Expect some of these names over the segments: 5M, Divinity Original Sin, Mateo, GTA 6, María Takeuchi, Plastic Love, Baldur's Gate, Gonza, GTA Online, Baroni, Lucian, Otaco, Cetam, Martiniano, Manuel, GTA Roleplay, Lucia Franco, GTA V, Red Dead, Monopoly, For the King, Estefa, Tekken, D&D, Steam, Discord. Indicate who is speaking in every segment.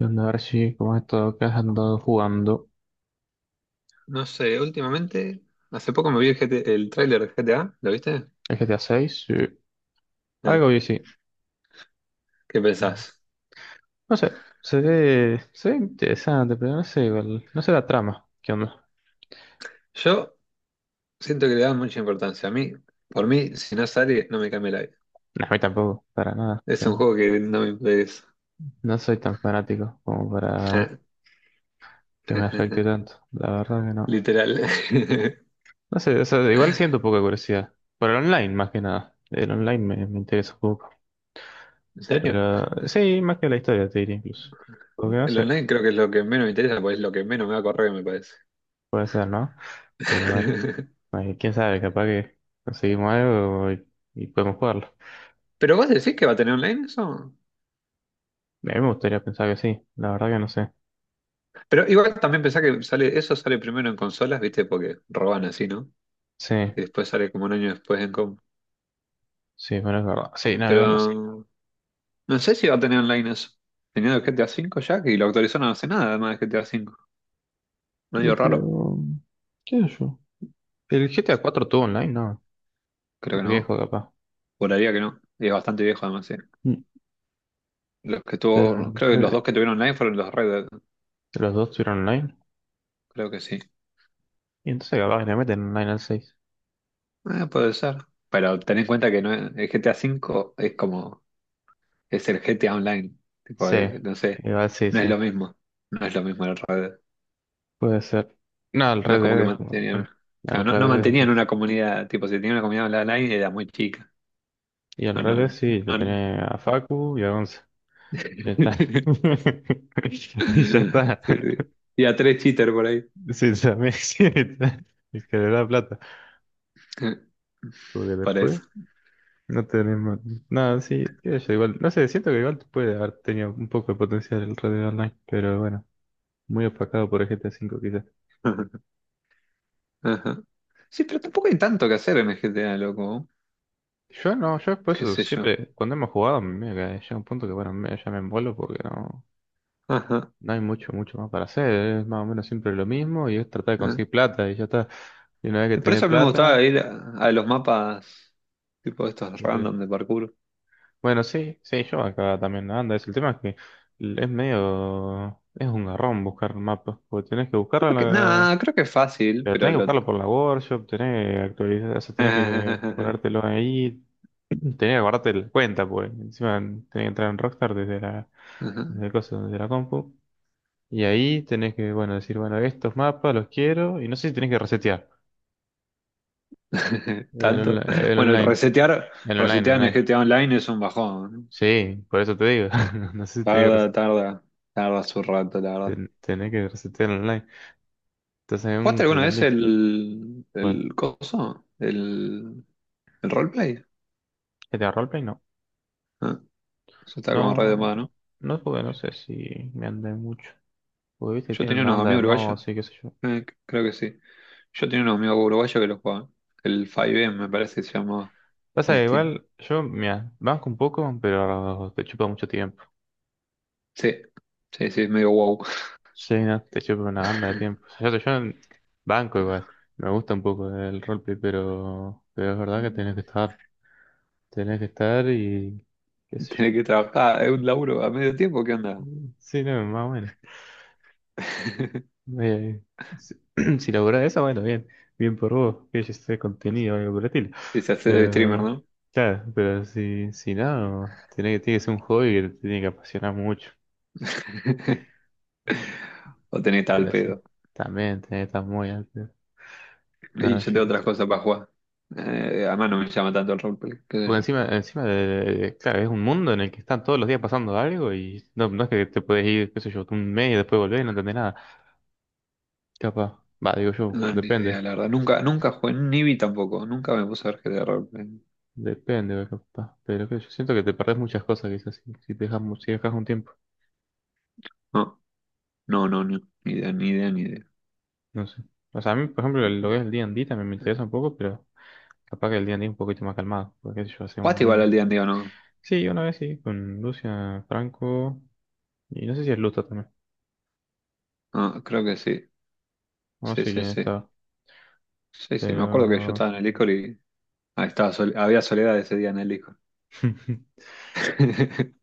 Speaker 1: Y a ver si, como has estado, que has andado jugando.
Speaker 2: No sé, últimamente, hace poco me vi el tráiler de GTA, ¿lo viste?
Speaker 1: ¿El GTA 6? Sí.
Speaker 2: Eh,
Speaker 1: Algo y sí.
Speaker 2: ¿Qué pensás?
Speaker 1: No sé, se ve interesante, pero no sé, igual, no sé la trama. ¿Qué onda?
Speaker 2: Yo siento que le da mucha importancia. A mí, por mí, si no sale, no me cambia la vida.
Speaker 1: No, a mí tampoco, para nada.
Speaker 2: Es un
Speaker 1: No
Speaker 2: juego que no me interesa.
Speaker 1: no soy tan fanático como para
Speaker 2: Eh,
Speaker 1: que me afecte tanto. La verdad que no.
Speaker 2: Literal. ¿En
Speaker 1: No sé, o sea, igual siento poca curiosidad. Por el online, más que nada. El online me interesa un poco.
Speaker 2: serio?
Speaker 1: Pero sí, más que la historia, te diría incluso. Porque no
Speaker 2: El
Speaker 1: sé,
Speaker 2: online creo que es lo que menos me interesa, pues es lo que menos me va a correr, me parece.
Speaker 1: puede ser, ¿no? Pero bueno. Ay, quién sabe, capaz que conseguimos algo y podemos jugarlo.
Speaker 2: Pero vos decís que va a tener online eso.
Speaker 1: A mí me gustaría pensar que sí, la verdad que no sé.
Speaker 2: Pero igual también pensá que sale, eso sale primero en consolas, ¿viste? Porque roban así, ¿no?
Speaker 1: Sí,
Speaker 2: Y después sale como un año después en comp.
Speaker 1: sí, bueno, es verdad. Sí, nada, igual no sé.
Speaker 2: Pero No sé si va a tener online eso. Tenía el GTA V ya, que lo actualizaron hace nada, además de GTA V.
Speaker 1: Y
Speaker 2: Medio raro.
Speaker 1: pero, ¿qué sé yo? ¿El GTA 4 tuvo online? No,
Speaker 2: Creo
Speaker 1: muy
Speaker 2: que no.
Speaker 1: viejo capaz.
Speaker 2: Juraría que no. Y es bastante viejo, además, sí.
Speaker 1: Mm.
Speaker 2: Los que
Speaker 1: Pero
Speaker 2: tuvo, creo que los dos que tuvieron online fueron los Red Dead.
Speaker 1: Los dos tuvieron online.
Speaker 2: Creo que sí.
Speaker 1: Y entonces capaz que le meten online al 6.
Speaker 2: Puede ser. Pero ten en cuenta que no el GTA V es como, es el GTA Online. Tipo,
Speaker 1: Sí,
Speaker 2: no sé,
Speaker 1: igual sí,
Speaker 2: no es
Speaker 1: sí.
Speaker 2: lo mismo. No es lo mismo el Red Dead.
Speaker 1: Puede ser. No,
Speaker 2: No es como que mantenían, claro,
Speaker 1: El
Speaker 2: no,
Speaker 1: Red
Speaker 2: no
Speaker 1: Dead es
Speaker 2: mantenían
Speaker 1: distinto.
Speaker 2: una comunidad, tipo, si tenían una comunidad online era muy chica.
Speaker 1: Y el
Speaker 2: No, no,
Speaker 1: Red Dead
Speaker 2: no.
Speaker 1: sí, lo tenía a Facu y a Gonza. Ya está. Y ya está.
Speaker 2: Sí, sí. Y a tres cheaters por ahí.
Speaker 1: Sí, también sí, está. Es que le da plata. Porque
Speaker 2: Para
Speaker 1: después
Speaker 2: eso.
Speaker 1: no tenemos. Nada, sí, qué sé yo, igual. No sé, siento que igual puede haber tenido un poco de potencial el Red Dead Online, pero bueno, muy opacado por el GTA V quizás.
Speaker 2: Ajá. Sí, pero tampoco hay tanto que hacer en el GTA, loco.
Speaker 1: Yo no, yo por
Speaker 2: ¿Qué
Speaker 1: eso
Speaker 2: sé yo?
Speaker 1: siempre, cuando hemos jugado, me que llega un punto que bueno, ya me envuelvo porque no,
Speaker 2: Ajá.
Speaker 1: no hay mucho, mucho más para hacer. Es más o menos siempre lo mismo y es tratar de
Speaker 2: Ah.
Speaker 1: conseguir plata y ya está. Y una vez
Speaker 2: Y
Speaker 1: que
Speaker 2: por
Speaker 1: tenés
Speaker 2: eso a mí me gustaba
Speaker 1: plata,
Speaker 2: ir a los mapas tipo estos
Speaker 1: ¿de qué?
Speaker 2: random de parkour.
Speaker 1: Bueno, sí, sí, yo acá también anda. Es El tema es que es medio, es un garrón buscar mapas, porque tenés que buscarlo
Speaker 2: Creo que, nada, creo que es fácil,
Speaker 1: pero
Speaker 2: pero
Speaker 1: tenés que
Speaker 2: lo...
Speaker 1: buscarlo por la workshop, tenés que actualizar, o sea, tenés que
Speaker 2: Ajá.
Speaker 1: ponértelo ahí, tenés que guardarte la cuenta, pues encima tenés que entrar en Rockstar desde el coso, desde la compu, y ahí tenés que, bueno, decir, bueno, estos mapas los quiero, y no sé si tenés que resetear el, onla-
Speaker 2: ¿Tanto?
Speaker 1: el
Speaker 2: Bueno, el
Speaker 1: online,
Speaker 2: resetear,
Speaker 1: el online, el
Speaker 2: resetear en el
Speaker 1: online.
Speaker 2: GTA Online es un bajón.
Speaker 1: Sí, por eso te digo, no sé si tenés que
Speaker 2: Tarda,
Speaker 1: resetear.
Speaker 2: tarda, tarda su rato, la verdad.
Speaker 1: Tenés que resetear online. Entonces en
Speaker 2: ¿Jugaste
Speaker 1: un kill
Speaker 2: alguna
Speaker 1: en
Speaker 2: vez
Speaker 1: beat.
Speaker 2: el,
Speaker 1: Pues,
Speaker 2: el coso? ¿El roleplay?
Speaker 1: GTA Roleplay no.
Speaker 2: Ah, eso está como re de
Speaker 1: No,
Speaker 2: moda, ¿no?
Speaker 1: no jugué, no sé si me andé mucho. Porque viste,
Speaker 2: Yo
Speaker 1: tiene
Speaker 2: tenía
Speaker 1: una
Speaker 2: unos
Speaker 1: banda de
Speaker 2: amigos uruguayos,
Speaker 1: mods y qué sé yo.
Speaker 2: creo que sí. Yo tenía unos amigos uruguayos que lo jugaban. El 5M me parece que se llamaba
Speaker 1: Pasa
Speaker 2: en
Speaker 1: que
Speaker 2: Steam.
Speaker 1: igual, yo, mira, banco un poco, pero te chupa mucho tiempo.
Speaker 2: Sí, sí, sí, es medio wow.
Speaker 1: Sí, no, te chupa una banda de tiempo. O sea, yo banco igual. Me gusta un poco el roleplay, pero es verdad que tenés que estar. Tenés que estar y qué sé yo.
Speaker 2: Tener que trabajar, ah, es un laburo a medio tiempo, ¿qué onda?
Speaker 1: Mm, sí, no, más bueno. Eh, si, si logró eso, bueno, bien, bien por vos, que haya este contenido o algo útil.
Speaker 2: Si se hace de streamer,
Speaker 1: Pero,
Speaker 2: ¿no?
Speaker 1: claro, pero si no, tiene que ser un hobby que te tiene que apasionar mucho.
Speaker 2: O tenés tal
Speaker 1: Pero sí,
Speaker 2: pedo.
Speaker 1: también tiene que estar muy alto.
Speaker 2: Y
Speaker 1: No,
Speaker 2: yo
Speaker 1: yo
Speaker 2: tengo
Speaker 1: no
Speaker 2: otras
Speaker 1: sé.
Speaker 2: cosas para jugar. Además no me llama tanto el roleplay, qué
Speaker 1: Porque
Speaker 2: sé
Speaker 1: encima de, claro, es un mundo en el que están todos los días pasando algo y no, no es que te puedes ir, qué sé yo, un mes y después volver y no entendés nada. Capaz, va, digo yo,
Speaker 2: No, ni
Speaker 1: depende.
Speaker 2: idea, la verdad. Nunca, nunca jugué, ni vi tampoco. Nunca me puse a ver GTA Roleplay.
Speaker 1: Depende, ve, capaz. Pero que yo siento que te perdés muchas cosas quizás si te dejas, si dejas un tiempo.
Speaker 2: No, no, no, no. Ni idea, ni idea, ni idea.
Speaker 1: No sé. O sea, a mí, por ejemplo, lo que es el D&D también me interesa un poco, pero capaz que el D&D es un poquito más calmado. Porque qué sé yo hace
Speaker 2: ¿Jugaste igual al día en día o no?
Speaker 1: Sí, una vez sí, con Lucia Franco. Y no sé si es Luta también.
Speaker 2: No, creo que sí.
Speaker 1: No
Speaker 2: Sí,
Speaker 1: sé
Speaker 2: sí,
Speaker 1: quién
Speaker 2: sí.
Speaker 1: estaba.
Speaker 2: Sí, sí. Me acuerdo que yo
Speaker 1: Pero.
Speaker 2: estaba en el Discord y ahí estaba había soledad ese día en el Discord.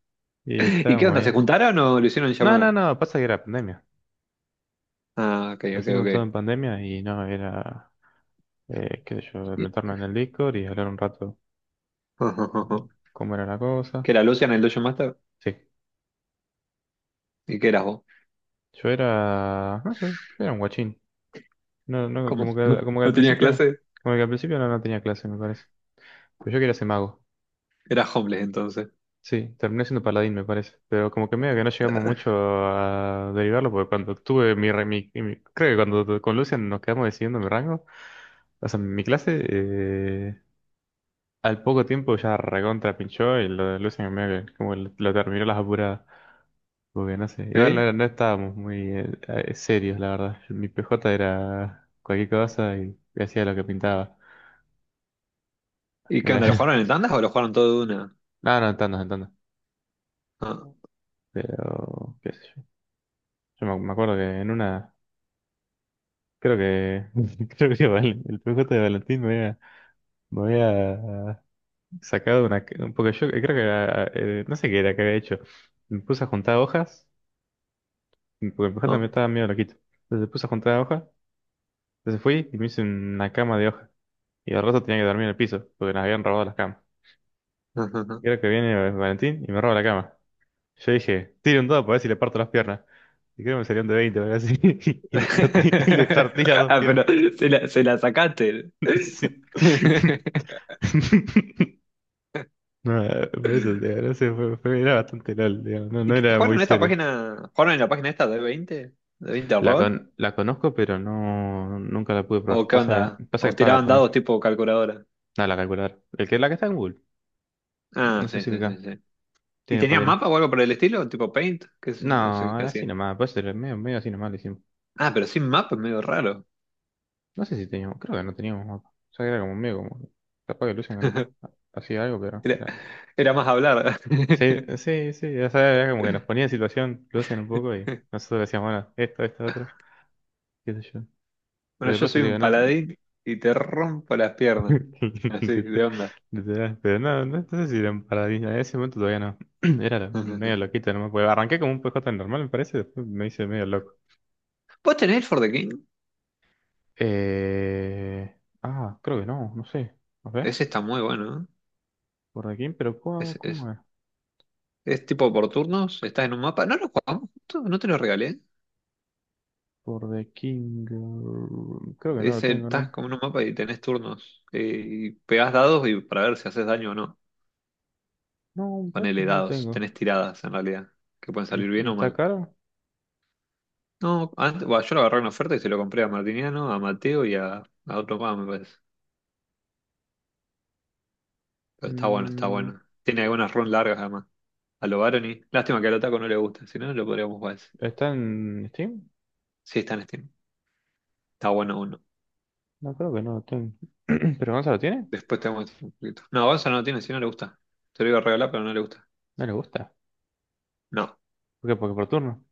Speaker 1: Y
Speaker 2: ¿Y qué
Speaker 1: estábamos
Speaker 2: onda? ¿Se
Speaker 1: ahí.
Speaker 2: juntaron o lo hicieron en
Speaker 1: No, no,
Speaker 2: llamada?
Speaker 1: no, pasa que era pandemia.
Speaker 2: Ah, ok,
Speaker 1: Lo
Speaker 2: ok,
Speaker 1: hicimos todo en
Speaker 2: ok.
Speaker 1: pandemia y no, era. Qué sé yo,
Speaker 2: Y-
Speaker 1: meternos en el Discord y hablar un rato, cómo era la cosa.
Speaker 2: ¿Qué era Lucian el Dojo Master?
Speaker 1: Sí.
Speaker 2: ¿Y qué eras vos?
Speaker 1: Yo era, no sé, yo era un guachín. No, no,
Speaker 2: ¿Cómo?
Speaker 1: como que, como que al
Speaker 2: ¿No tenías
Speaker 1: principio,
Speaker 2: clase?
Speaker 1: como que al principio, no, no tenía clase, me parece. Pero yo quería ser mago.
Speaker 2: Eras homeless entonces.
Speaker 1: Sí, terminé siendo paladín, me parece. Pero como que medio que no llegamos mucho a derivarlo, porque cuando tuve mi, re- mi- creo que cuando con Lucian nos quedamos decidiendo mi rango, o sea, mi clase, al poco tiempo ya recontra pinchó y lo de Lucian medio que como que lo, terminó las apuradas. Muy bien, no sé. Igual
Speaker 2: ¿Eh?
Speaker 1: no, no estábamos muy serios, la verdad. Mi PJ era cualquier cosa y hacía lo que pintaba.
Speaker 2: ¿Y qué
Speaker 1: Era.
Speaker 2: onda? ¿Lo jugaron en tandas o lo jugaron todo de una?
Speaker 1: No, no, en tandas, en tandas.
Speaker 2: Ah,
Speaker 1: Pero, qué sé yo. Yo me acuerdo que en una. Creo que. Creo que el PJ de Valentín me había sacado una. Porque yo creo que era. No sé qué era que había hecho. Me puse a juntar hojas, porque el PJ me
Speaker 2: ah,
Speaker 1: estaba medio loquito. Entonces me puse a juntar hojas, entonces fui y me hice una cama de hojas. Y al rato tenía que dormir en el piso, porque nos habían robado las camas.
Speaker 2: ah, ah, ah.
Speaker 1: Creo que viene Valentín y me roba la cama. Yo dije, tire un dado para ver si le parto las piernas. Y creo que me salieron de 20, o algo así. Y le partí las dos
Speaker 2: Ah,
Speaker 1: piernas.
Speaker 2: pero se la sacaste.
Speaker 1: Sí. No, por eso, digo, no sé, era bastante LOL, digo, no, no era
Speaker 2: ¿Jugaron
Speaker 1: muy
Speaker 2: en esta
Speaker 1: serio.
Speaker 2: página? ¿Jugaron en la página esta ¿De 20 al rol?
Speaker 1: La conozco, pero no, nunca la pude probar.
Speaker 2: ¿O qué
Speaker 1: Pasa,
Speaker 2: onda?
Speaker 1: pasa que
Speaker 2: ¿O
Speaker 1: paga
Speaker 2: tiraban
Speaker 1: también.
Speaker 2: dados tipo calculadora?
Speaker 1: Nada, la calculadora. El que, la que está en Google.
Speaker 2: Ah,
Speaker 1: No sé
Speaker 2: sí,
Speaker 1: si
Speaker 2: sí, sí,
Speaker 1: acá
Speaker 2: sí. ¿Y
Speaker 1: tiene para
Speaker 2: tenían
Speaker 1: tirar.
Speaker 2: mapa o algo por el estilo? ¿Tipo Paint? No sé
Speaker 1: No,
Speaker 2: qué
Speaker 1: así
Speaker 2: hacían.
Speaker 1: nomás, puede ser medio así nomás.
Speaker 2: Ah, pero sin mapa es medio raro.
Speaker 1: No sé si teníamos, creo que no teníamos mapa. O sea, era como medio como. Capaz que Lucian hacía algo, pero
Speaker 2: Era,
Speaker 1: era.
Speaker 2: era más hablar.
Speaker 1: Sí, sí, sí, ya sabes, era como que nos ponía en situación Lucian un poco y nosotros decíamos, bueno, esto, otro, qué sé yo.
Speaker 2: Bueno,
Speaker 1: Pero por
Speaker 2: yo
Speaker 1: eso
Speaker 2: soy
Speaker 1: te
Speaker 2: un
Speaker 1: digo, no.
Speaker 2: paladín y te rompo las piernas. Así, de
Speaker 1: Literal,
Speaker 2: onda.
Speaker 1: pero no, no, no sé si eran paradigmas. En ese momento todavía no. Era medio loquito, no me acuerdo. Arranqué como un PJ normal, me parece, después me hice medio loco.
Speaker 2: ¿Vos tenés el For the King?
Speaker 1: Eh... Ah, creo que no, no sé. No sé,
Speaker 2: Ese está muy bueno, ¿eh?
Speaker 1: por aquí, pero ¿cómo,
Speaker 2: Es, es,
Speaker 1: cómo es?
Speaker 2: es tipo por turnos, estás en un mapa. No lo jugamos, juntos? No te lo regalé.
Speaker 1: Por The King. Creo que no lo tengo,
Speaker 2: Estás
Speaker 1: ¿no?
Speaker 2: como en un mapa y tenés turnos. Y pegás dados y para ver si haces daño o no.
Speaker 1: No, me parece que
Speaker 2: Ponele
Speaker 1: no lo
Speaker 2: dados,
Speaker 1: tengo.
Speaker 2: tenés tiradas en realidad, que pueden
Speaker 1: ¿Y,
Speaker 2: salir
Speaker 1: y
Speaker 2: bien o
Speaker 1: está
Speaker 2: mal.
Speaker 1: caro?
Speaker 2: No, antes, bueno, yo lo agarré en oferta y se lo compré a Martiniano, a Mateo y a otro más, me parece. Pero está bueno, está
Speaker 1: Mm,
Speaker 2: bueno. Tiene algunas runs largas además. A lo Baroni. Lástima que al Otaco no le gusta, si no, lo podríamos jugar ese.
Speaker 1: ¿Está en Steam?
Speaker 2: Sí, está en Steam. Está bueno uno.
Speaker 1: No creo que no lo tengo. ¿Pero Gonza lo tiene?
Speaker 2: Después te muestro un poquito. No, Gonza no tiene, si no le gusta. Te lo iba a regalar, pero no le gusta.
Speaker 1: No le gusta.
Speaker 2: No,
Speaker 1: ¿Por qué? Porque por turno.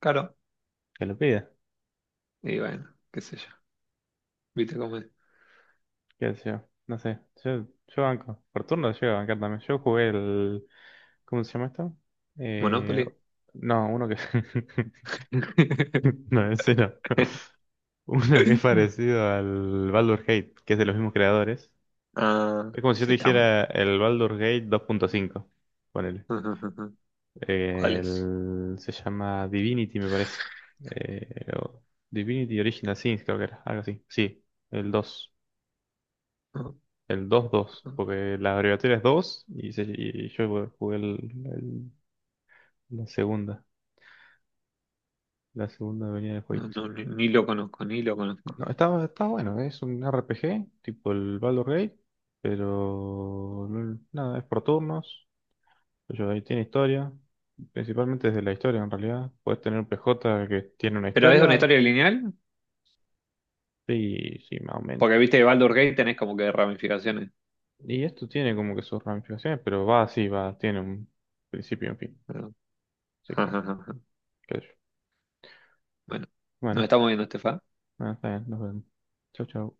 Speaker 2: caro.
Speaker 1: Que lo pida.
Speaker 2: Y bueno, qué sé yo. ¿Viste cómo es?
Speaker 1: ¿Qué sé yo? No sé. Yo banco. Por turno llego a bancar también. Yo jugué el. ¿Cómo se llama esto? Eh,
Speaker 2: Monopoly.
Speaker 1: no, uno que. No, ese no. Uno que es parecido al Baldur Gate, que es de los mismos creadores.
Speaker 2: Ah,
Speaker 1: Es como si yo te
Speaker 2: Cetam.
Speaker 1: dijera el Baldur's Gate 2.5. Ponele.
Speaker 2: ¿Cuál es?
Speaker 1: Se llama Divinity, me parece. Eh, o- Divinity Original Sin, creo que era. Algo así. Sí, el 2,
Speaker 2: No,
Speaker 1: el dos dos,
Speaker 2: no,
Speaker 1: porque la abreviatura es 2 y, y yo jugué la segunda. La segunda venía del
Speaker 2: no,
Speaker 1: jueguito.
Speaker 2: no, ni lo conozco, ni lo conozco.
Speaker 1: No, está bueno. Es un RPG, tipo el Baldur's Gate. Pero nada, es por turnos. Pues yo ahí tiene historia, principalmente desde la historia en realidad. Puedes tener un PJ que tiene una
Speaker 2: ¿Pero es una
Speaker 1: historia,
Speaker 2: historia lineal?
Speaker 1: sí, sí, más o menos.
Speaker 2: Porque viste que Baldur's Gate tenés como que ramificaciones.
Speaker 1: Y esto tiene como que sus ramificaciones, pero va así, va, tiene un principio y un fin.
Speaker 2: Pero-
Speaker 1: Así que bueno, qué sé yo.
Speaker 2: Bueno, nos
Speaker 1: Bueno,
Speaker 2: estamos viendo, Estefa.
Speaker 1: bueno, está bien, nos vemos. Chau, chau.